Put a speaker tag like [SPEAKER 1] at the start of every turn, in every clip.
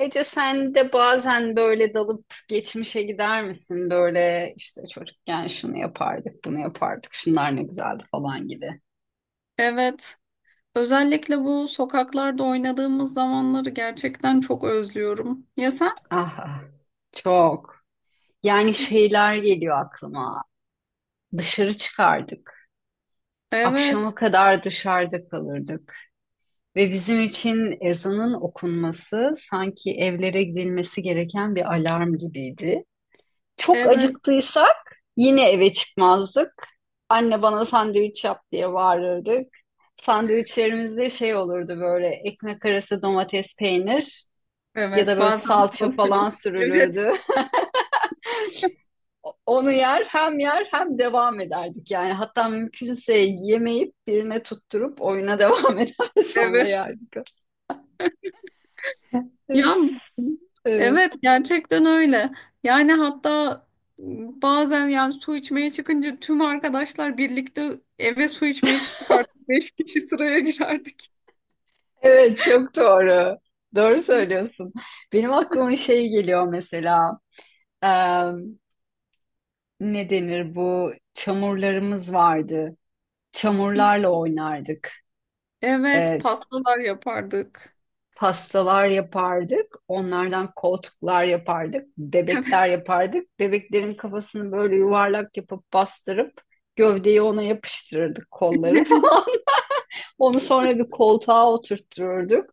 [SPEAKER 1] Ece, sen de bazen böyle dalıp geçmişe gider misin? Böyle işte çocukken şunu yapardık, bunu yapardık, şunlar ne güzeldi falan gibi.
[SPEAKER 2] Evet. Özellikle bu sokaklarda oynadığımız zamanları gerçekten çok özlüyorum. Ya sen?
[SPEAKER 1] Ah, ah, çok. Yani şeyler geliyor aklıma. Dışarı çıkardık.
[SPEAKER 2] Evet.
[SPEAKER 1] Akşama kadar dışarıda kalırdık. Ve bizim için ezanın okunması sanki evlere gidilmesi gereken bir alarm gibiydi. Çok
[SPEAKER 2] Evet.
[SPEAKER 1] acıktıysak yine eve çıkmazdık. Anne bana sandviç yap diye bağırırdık. Sandviçlerimizde şey olurdu böyle ekmek arası domates peynir ya da
[SPEAKER 2] Evet.
[SPEAKER 1] böyle
[SPEAKER 2] Bazen
[SPEAKER 1] salça falan
[SPEAKER 2] korkuyorum. Evet.
[SPEAKER 1] sürülürdü. Onu yer hem yer hem devam ederdik yani. Hatta mümkünse yemeyip birine tutturup oyuna devam eder sonra
[SPEAKER 2] Evet.
[SPEAKER 1] yerdik.
[SPEAKER 2] Ya,
[SPEAKER 1] Evet,
[SPEAKER 2] evet, gerçekten öyle. Yani hatta bazen su içmeye çıkınca tüm arkadaşlar birlikte eve su içmeye çıkardık. Beş kişi sıraya girerdik.
[SPEAKER 1] evet, çok doğru. Doğru söylüyorsun. Benim aklıma şey geliyor mesela. Ne denir, bu çamurlarımız vardı. Çamurlarla oynardık.
[SPEAKER 2] Evet.
[SPEAKER 1] Ee,
[SPEAKER 2] Pastalar yapardık.
[SPEAKER 1] Pastalar yapardık. Onlardan koltuklar yapardık. Bebekler yapardık. Bebeklerin kafasını böyle yuvarlak yapıp bastırıp gövdeyi ona yapıştırırdık, kolları
[SPEAKER 2] Evet.
[SPEAKER 1] falan. Onu sonra bir koltuğa oturttururduk.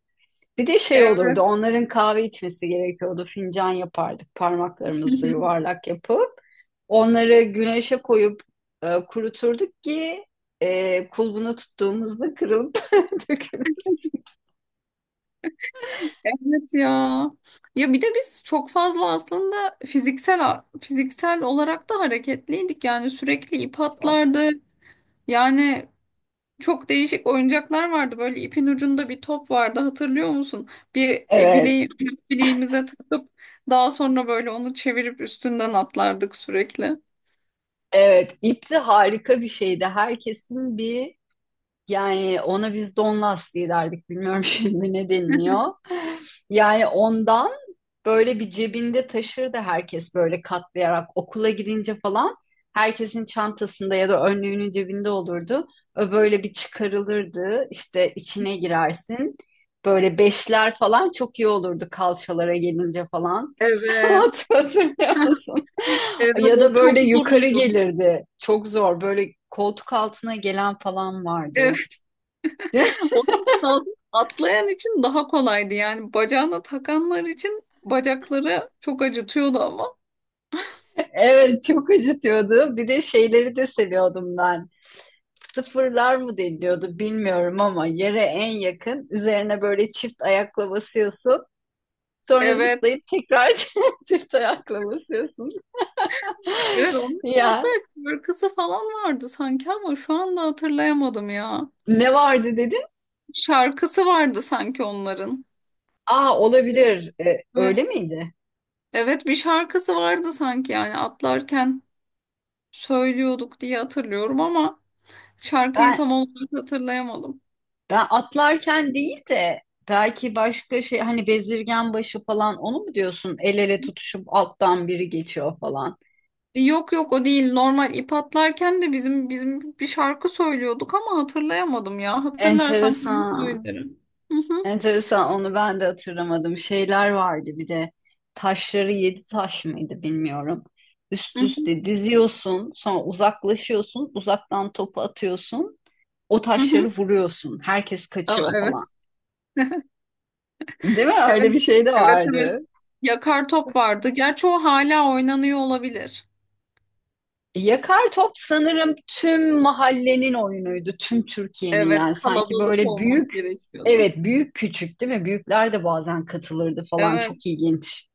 [SPEAKER 1] Bir de şey
[SPEAKER 2] Evet.
[SPEAKER 1] olurdu, onların kahve içmesi gerekiyordu. Fincan yapardık parmaklarımızla yuvarlak yapıp. Onları güneşe koyup kuruturduk ki kulbunu tuttuğumuzda kırılıp dökülmesin.
[SPEAKER 2] Evet ya. Ya bir de biz çok fazla aslında fiziksel olarak da hareketliydik. Yani sürekli ip
[SPEAKER 1] Çok.
[SPEAKER 2] atlardı. Yani çok değişik oyuncaklar vardı. Böyle ipin ucunda bir top vardı. Hatırlıyor musun? Bir
[SPEAKER 1] Evet,
[SPEAKER 2] bileğimize takıp daha sonra böyle onu çevirip üstünden atlardık sürekli.
[SPEAKER 1] evet. İp harika bir şeydi. Herkesin bir, yani ona biz don lastiği derdik. Bilmiyorum şimdi ne deniliyor. Yani ondan böyle bir cebinde taşırdı herkes, böyle katlayarak okula gidince falan herkesin çantasında ya da önlüğünün cebinde olurdu. O böyle bir çıkarılırdı işte, içine girersin. Böyle beşler falan çok iyi olurdu kalçalara gelince falan.
[SPEAKER 2] Evet.
[SPEAKER 1] Hatırlıyor musun?
[SPEAKER 2] Evet,
[SPEAKER 1] Ya
[SPEAKER 2] o
[SPEAKER 1] da
[SPEAKER 2] çok
[SPEAKER 1] böyle
[SPEAKER 2] zor
[SPEAKER 1] yukarı
[SPEAKER 2] oluyordu.
[SPEAKER 1] gelirdi. Çok zor. Böyle koltuk altına gelen falan vardı.
[SPEAKER 2] Onun için atlayan için daha kolaydı. Yani bacağına takanlar için bacakları çok acıtıyordu ama.
[SPEAKER 1] Evet, çok acıtıyordu. Bir de şeyleri de seviyordum ben. Sıfırlar mı deniliyordu bilmiyorum ama yere en yakın, üzerine böyle çift ayakla basıyorsun. Sonra
[SPEAKER 2] Evet.
[SPEAKER 1] zıplayıp tekrar çift ayakla basıyorsun.
[SPEAKER 2] Evet, onların hatta
[SPEAKER 1] Ya,
[SPEAKER 2] şarkısı falan vardı sanki ama şu anda hatırlayamadım ya.
[SPEAKER 1] ne vardı dedin?
[SPEAKER 2] Şarkısı vardı sanki onların.
[SPEAKER 1] Aa, olabilir.
[SPEAKER 2] Evet.
[SPEAKER 1] Öyle miydi?
[SPEAKER 2] Evet, bir şarkısı vardı sanki yani atlarken söylüyorduk diye hatırlıyorum ama şarkıyı
[SPEAKER 1] Ben
[SPEAKER 2] tam olarak hatırlayamadım.
[SPEAKER 1] Ben atlarken değil de belki başka şey, hani bezirgen başı falan, onu mu diyorsun? El ele tutuşup alttan biri geçiyor falan.
[SPEAKER 2] Yok, yok, o değil. Normal ip atlarken de bizim bir şarkı söylüyorduk ama hatırlayamadım ya. Hatırlarsam sana
[SPEAKER 1] Enteresan.
[SPEAKER 2] söylerim. Hı hı,
[SPEAKER 1] Enteresan, onu ben de hatırlamadım. Şeyler vardı bir de, taşları, yedi taş mıydı bilmiyorum. Üst
[SPEAKER 2] hı hı,
[SPEAKER 1] üste diziyorsun, sonra uzaklaşıyorsun, uzaktan topu atıyorsun, o
[SPEAKER 2] hı
[SPEAKER 1] taşları
[SPEAKER 2] hı.
[SPEAKER 1] vuruyorsun, herkes
[SPEAKER 2] Aa,
[SPEAKER 1] kaçıyor falan.
[SPEAKER 2] evet.
[SPEAKER 1] Değil mi, öyle
[SPEAKER 2] Evet.
[SPEAKER 1] bir şey de
[SPEAKER 2] Evet, evet.
[SPEAKER 1] vardı.
[SPEAKER 2] Yakar top vardı. Gerçi o hala oynanıyor olabilir.
[SPEAKER 1] Yakar top sanırım tüm mahallenin oyunuydu, tüm Türkiye'nin,
[SPEAKER 2] Evet,
[SPEAKER 1] yani sanki
[SPEAKER 2] kalabalık
[SPEAKER 1] böyle büyük,
[SPEAKER 2] olmak gerekiyordu.
[SPEAKER 1] evet, büyük küçük değil mi? Büyükler de bazen katılırdı falan,
[SPEAKER 2] Evet.
[SPEAKER 1] çok ilginç.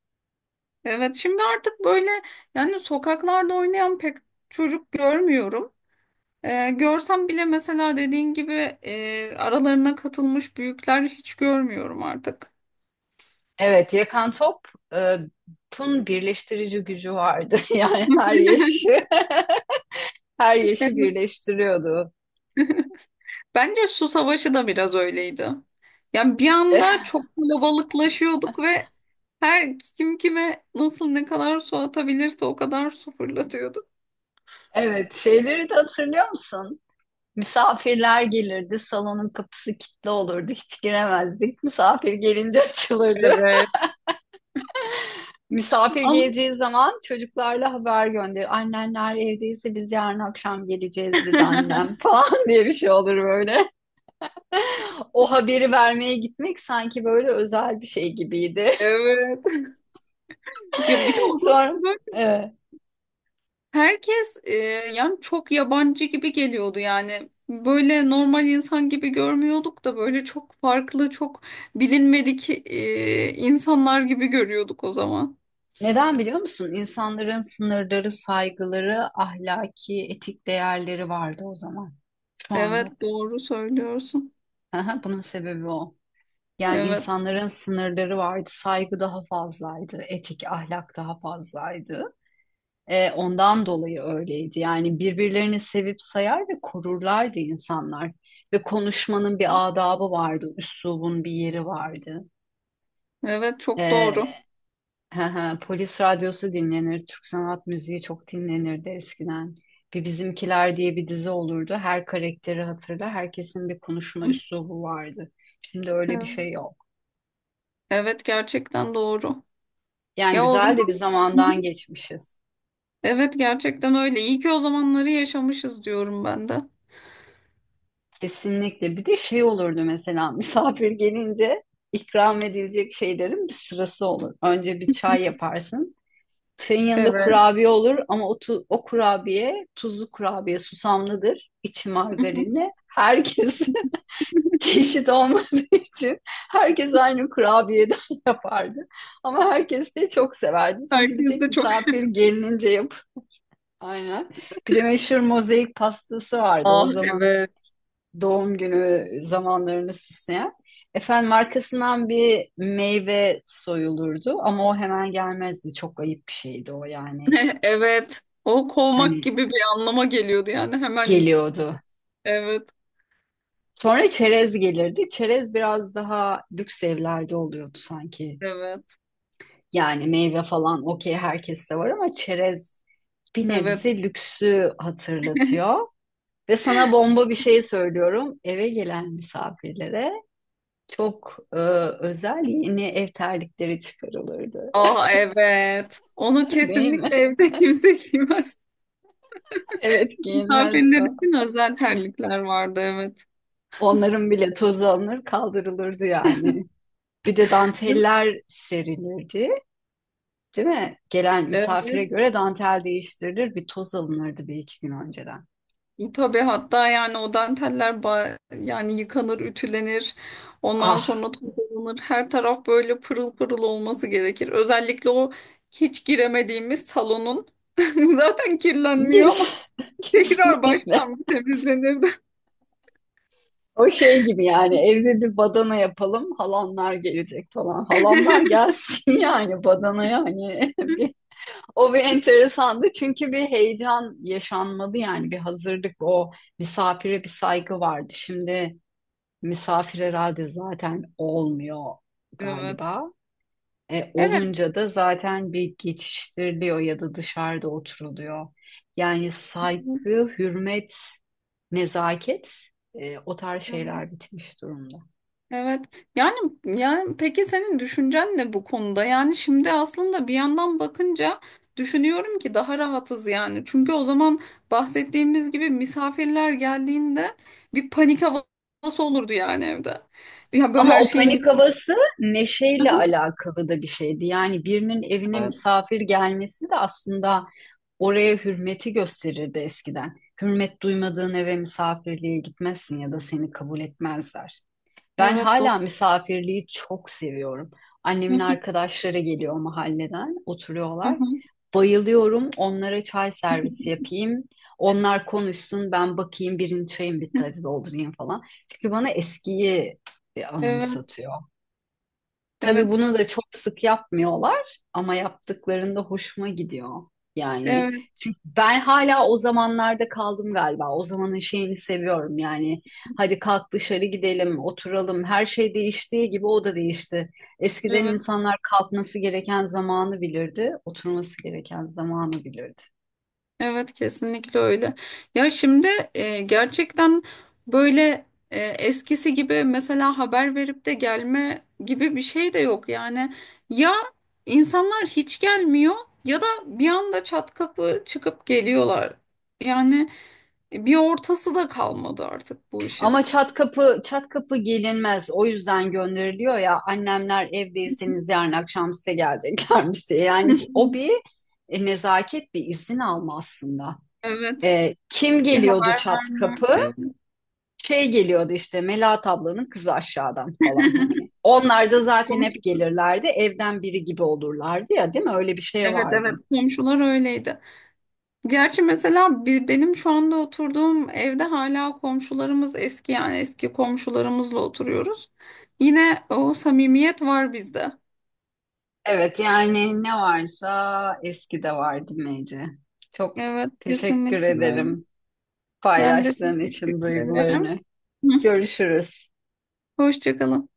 [SPEAKER 2] Evet. Şimdi artık böyle yani sokaklarda oynayan pek çocuk görmüyorum. Görsem bile mesela dediğin gibi aralarına katılmış büyükler hiç görmüyorum artık.
[SPEAKER 1] Evet, yakan topun birleştirici gücü vardı. Yani her yaşı, her yaşı
[SPEAKER 2] Evet.
[SPEAKER 1] birleştiriyordu.
[SPEAKER 2] Bence su savaşı da biraz öyleydi. Yani bir anda çok kalabalıklaşıyorduk ve her kim kime nasıl ne kadar su atabilirse o kadar su fırlatıyordu.
[SPEAKER 1] Evet, şeyleri de hatırlıyor musun? Misafirler gelirdi, salonun kapısı kilitli olurdu, hiç giremezdik. Misafir gelince açılırdı.
[SPEAKER 2] Evet.
[SPEAKER 1] Misafir
[SPEAKER 2] Ama
[SPEAKER 1] geleceği zaman çocuklarla haber gönderir. Annenler evdeyse biz yarın akşam geleceğiz dedi annem falan diye bir şey olur böyle. O haberi vermeye gitmek sanki böyle özel bir şey gibiydi.
[SPEAKER 2] evet. Ya bir de o zaman
[SPEAKER 1] Sonra
[SPEAKER 2] böyle
[SPEAKER 1] evet.
[SPEAKER 2] herkes yani çok yabancı gibi geliyordu yani. Böyle normal insan gibi görmüyorduk da böyle çok farklı, çok bilinmedik insanlar gibi görüyorduk o zaman.
[SPEAKER 1] Neden biliyor musun? İnsanların sınırları, saygıları, ahlaki, etik değerleri vardı o zaman. Şu an
[SPEAKER 2] Evet,
[SPEAKER 1] yok.
[SPEAKER 2] doğru söylüyorsun.
[SPEAKER 1] Aha, bunun sebebi o. Yani
[SPEAKER 2] Evet.
[SPEAKER 1] insanların sınırları vardı, saygı daha fazlaydı, etik, ahlak daha fazlaydı. Ondan dolayı öyleydi. Yani birbirlerini sevip sayar ve korurlardı insanlar. Ve konuşmanın bir adabı vardı, üslubun bir yeri vardı.
[SPEAKER 2] Evet, çok
[SPEAKER 1] E,
[SPEAKER 2] doğru.
[SPEAKER 1] Hı hı, polis radyosu dinlenir, Türk sanat müziği çok dinlenirdi eskiden. Bir Bizimkiler diye bir dizi olurdu. Her karakteri hatırla, herkesin bir konuşma üslubu vardı. Şimdi öyle bir
[SPEAKER 2] Evet,
[SPEAKER 1] şey yok.
[SPEAKER 2] evet, gerçekten doğru.
[SPEAKER 1] Yani
[SPEAKER 2] Ya, o zaman.
[SPEAKER 1] güzel de bir
[SPEAKER 2] Hı
[SPEAKER 1] zamandan
[SPEAKER 2] hı.
[SPEAKER 1] geçmişiz.
[SPEAKER 2] Evet, gerçekten öyle. İyi ki o zamanları yaşamışız diyorum ben de.
[SPEAKER 1] Kesinlikle. Bir de şey olurdu mesela, misafir gelince ikram edilecek şeylerin bir sırası olur. Önce bir çay yaparsın. Çayın yanında
[SPEAKER 2] Evet.
[SPEAKER 1] kurabiye olur ama o, o kurabiye tuzlu kurabiye susamlıdır. İçi
[SPEAKER 2] Hı hı.
[SPEAKER 1] margarinli. Herkes çeşit olmadığı için herkes aynı kurabiyeden yapardı. Ama herkes de çok severdi. Çünkü bir
[SPEAKER 2] Herkes
[SPEAKER 1] tek
[SPEAKER 2] de çok.
[SPEAKER 1] misafir gelinince yap. Aynen. Bir de meşhur mozaik pastası vardı.
[SPEAKER 2] Ah,
[SPEAKER 1] O zamanın
[SPEAKER 2] evet.
[SPEAKER 1] doğum günü zamanlarını süsleyen. Efendim markasından bir meyve soyulurdu ama o hemen gelmezdi. Çok ayıp bir şeydi o yani.
[SPEAKER 2] Evet. O kovmak
[SPEAKER 1] Hani
[SPEAKER 2] gibi bir anlama geliyordu yani hemen.
[SPEAKER 1] geliyordu.
[SPEAKER 2] Evet.
[SPEAKER 1] Sonra çerez gelirdi. Çerez biraz daha lüks evlerde oluyordu sanki.
[SPEAKER 2] Evet.
[SPEAKER 1] Yani meyve falan okey, herkeste var ama çerez bir
[SPEAKER 2] Evet.
[SPEAKER 1] nebze lüksü hatırlatıyor. Ve sana bomba bir şey söylüyorum. Eve gelen misafirlere çok özel yeni ev terlikleri çıkarılırdı.
[SPEAKER 2] Ah, evet. Onu
[SPEAKER 1] Değil
[SPEAKER 2] kesinlikle
[SPEAKER 1] mi?
[SPEAKER 2] evde kimse giymez.
[SPEAKER 1] Evet,
[SPEAKER 2] Misafirler
[SPEAKER 1] giyinmezse.
[SPEAKER 2] için özel terlikler vardı, evet.
[SPEAKER 1] Onların bile tozu alınır kaldırılırdı yani. Bir de danteller serilirdi. Değil mi? Gelen
[SPEAKER 2] Evet.
[SPEAKER 1] misafire göre dantel değiştirilir. Bir toz alınırdı bir iki gün önceden.
[SPEAKER 2] Tabii hatta yani o danteller yani yıkanır, ütülenir. Ondan
[SPEAKER 1] Ah,
[SPEAKER 2] sonra toplanır. Her taraf böyle pırıl pırıl olması gerekir. Özellikle o hiç giremediğimiz salonun zaten kirlenmiyor ama
[SPEAKER 1] Kes-
[SPEAKER 2] tekrar
[SPEAKER 1] kesinlikle.
[SPEAKER 2] baştan bir temizlenirdi.
[SPEAKER 1] O şey gibi yani, evde bir badana yapalım, halamlar gelecek falan. Halamlar gelsin yani badanaya, hani bir, o bir enteresandı çünkü bir heyecan yaşanmadı yani, bir hazırlık, o misafire bir saygı vardı. Şimdi misafir herhalde zaten olmuyor
[SPEAKER 2] Evet.
[SPEAKER 1] galiba.
[SPEAKER 2] Evet.
[SPEAKER 1] Olunca da zaten bir geçiştiriliyor ya da dışarıda oturuluyor. Yani saygı, hürmet, nezaket, o tarz şeyler bitmiş durumda.
[SPEAKER 2] Evet. Yani yani peki senin düşüncen ne bu konuda? Yani şimdi aslında bir yandan bakınca düşünüyorum ki daha rahatız yani. Çünkü o zaman bahsettiğimiz gibi misafirler geldiğinde bir panik havası olurdu yani evde. Ya böyle
[SPEAKER 1] Ama
[SPEAKER 2] her
[SPEAKER 1] o
[SPEAKER 2] şeyin
[SPEAKER 1] panik
[SPEAKER 2] mü-
[SPEAKER 1] havası neşeyle alakalı da bir şeydi. Yani birinin evine
[SPEAKER 2] Evet.
[SPEAKER 1] misafir gelmesi de aslında oraya hürmeti gösterirdi eskiden. Hürmet duymadığın eve misafirliğe gitmezsin ya da seni kabul etmezler. Ben
[SPEAKER 2] Evet, doğru.
[SPEAKER 1] hala misafirliği çok seviyorum. Annemin arkadaşları geliyor mahalleden, oturuyorlar. Bayılıyorum. Onlara çay servisi yapayım. Onlar konuşsun, ben bakayım, birinci çayım bitti, hadi doldurayım falan. Çünkü bana eskiyi bir
[SPEAKER 2] Evet.
[SPEAKER 1] anımsatıyor. Tabii
[SPEAKER 2] Evet.
[SPEAKER 1] bunu da çok sık yapmıyorlar ama yaptıklarında hoşuma gidiyor. Yani,
[SPEAKER 2] Evet.
[SPEAKER 1] çünkü ben hala o zamanlarda kaldım galiba. O zamanın şeyini seviyorum yani. Hadi kalk dışarı gidelim, oturalım. Her şey değiştiği gibi o da değişti. Eskiden
[SPEAKER 2] Evet.
[SPEAKER 1] insanlar kalkması gereken zamanı bilirdi, oturması gereken zamanı bilirdi.
[SPEAKER 2] Evet, kesinlikle öyle. Ya şimdi gerçekten böyle eskisi gibi mesela haber verip de gelme gibi bir şey de yok. Yani ya insanlar hiç gelmiyor ya da bir anda çat kapı çıkıp geliyorlar. Yani bir ortası da kalmadı artık bu
[SPEAKER 1] Ama
[SPEAKER 2] işin.
[SPEAKER 1] çat kapı çat kapı gelinmez. O yüzden gönderiliyor ya, annemler evdeyseniz yarın akşam size geleceklermiş diye. Yani o bir nezaket, bir izin alma aslında.
[SPEAKER 2] Evet,
[SPEAKER 1] Kim
[SPEAKER 2] bir
[SPEAKER 1] geliyordu
[SPEAKER 2] haber
[SPEAKER 1] çat
[SPEAKER 2] verme.
[SPEAKER 1] kapı?
[SPEAKER 2] Evet,
[SPEAKER 1] Şey geliyordu işte, Melahat ablanın kızı aşağıdan falan hani. Onlar da zaten hep
[SPEAKER 2] komşular.
[SPEAKER 1] gelirlerdi. Evden biri gibi olurlardı ya, değil mi? Öyle bir şey
[SPEAKER 2] Evet, evet,
[SPEAKER 1] vardı.
[SPEAKER 2] komşular öyleydi. Gerçi mesela benim şu anda oturduğum evde hala komşularımız eski yani eski komşularımızla oturuyoruz. Yine o samimiyet var bizde.
[SPEAKER 1] Evet, yani ne varsa eskide vardı, Mece. Çok
[SPEAKER 2] Evet,
[SPEAKER 1] teşekkür
[SPEAKER 2] kesinlikle öyle.
[SPEAKER 1] ederim,
[SPEAKER 2] Ben de
[SPEAKER 1] paylaştığın için
[SPEAKER 2] teşekkür ederim.
[SPEAKER 1] duygularını. Görüşürüz.
[SPEAKER 2] Hoşça kalın.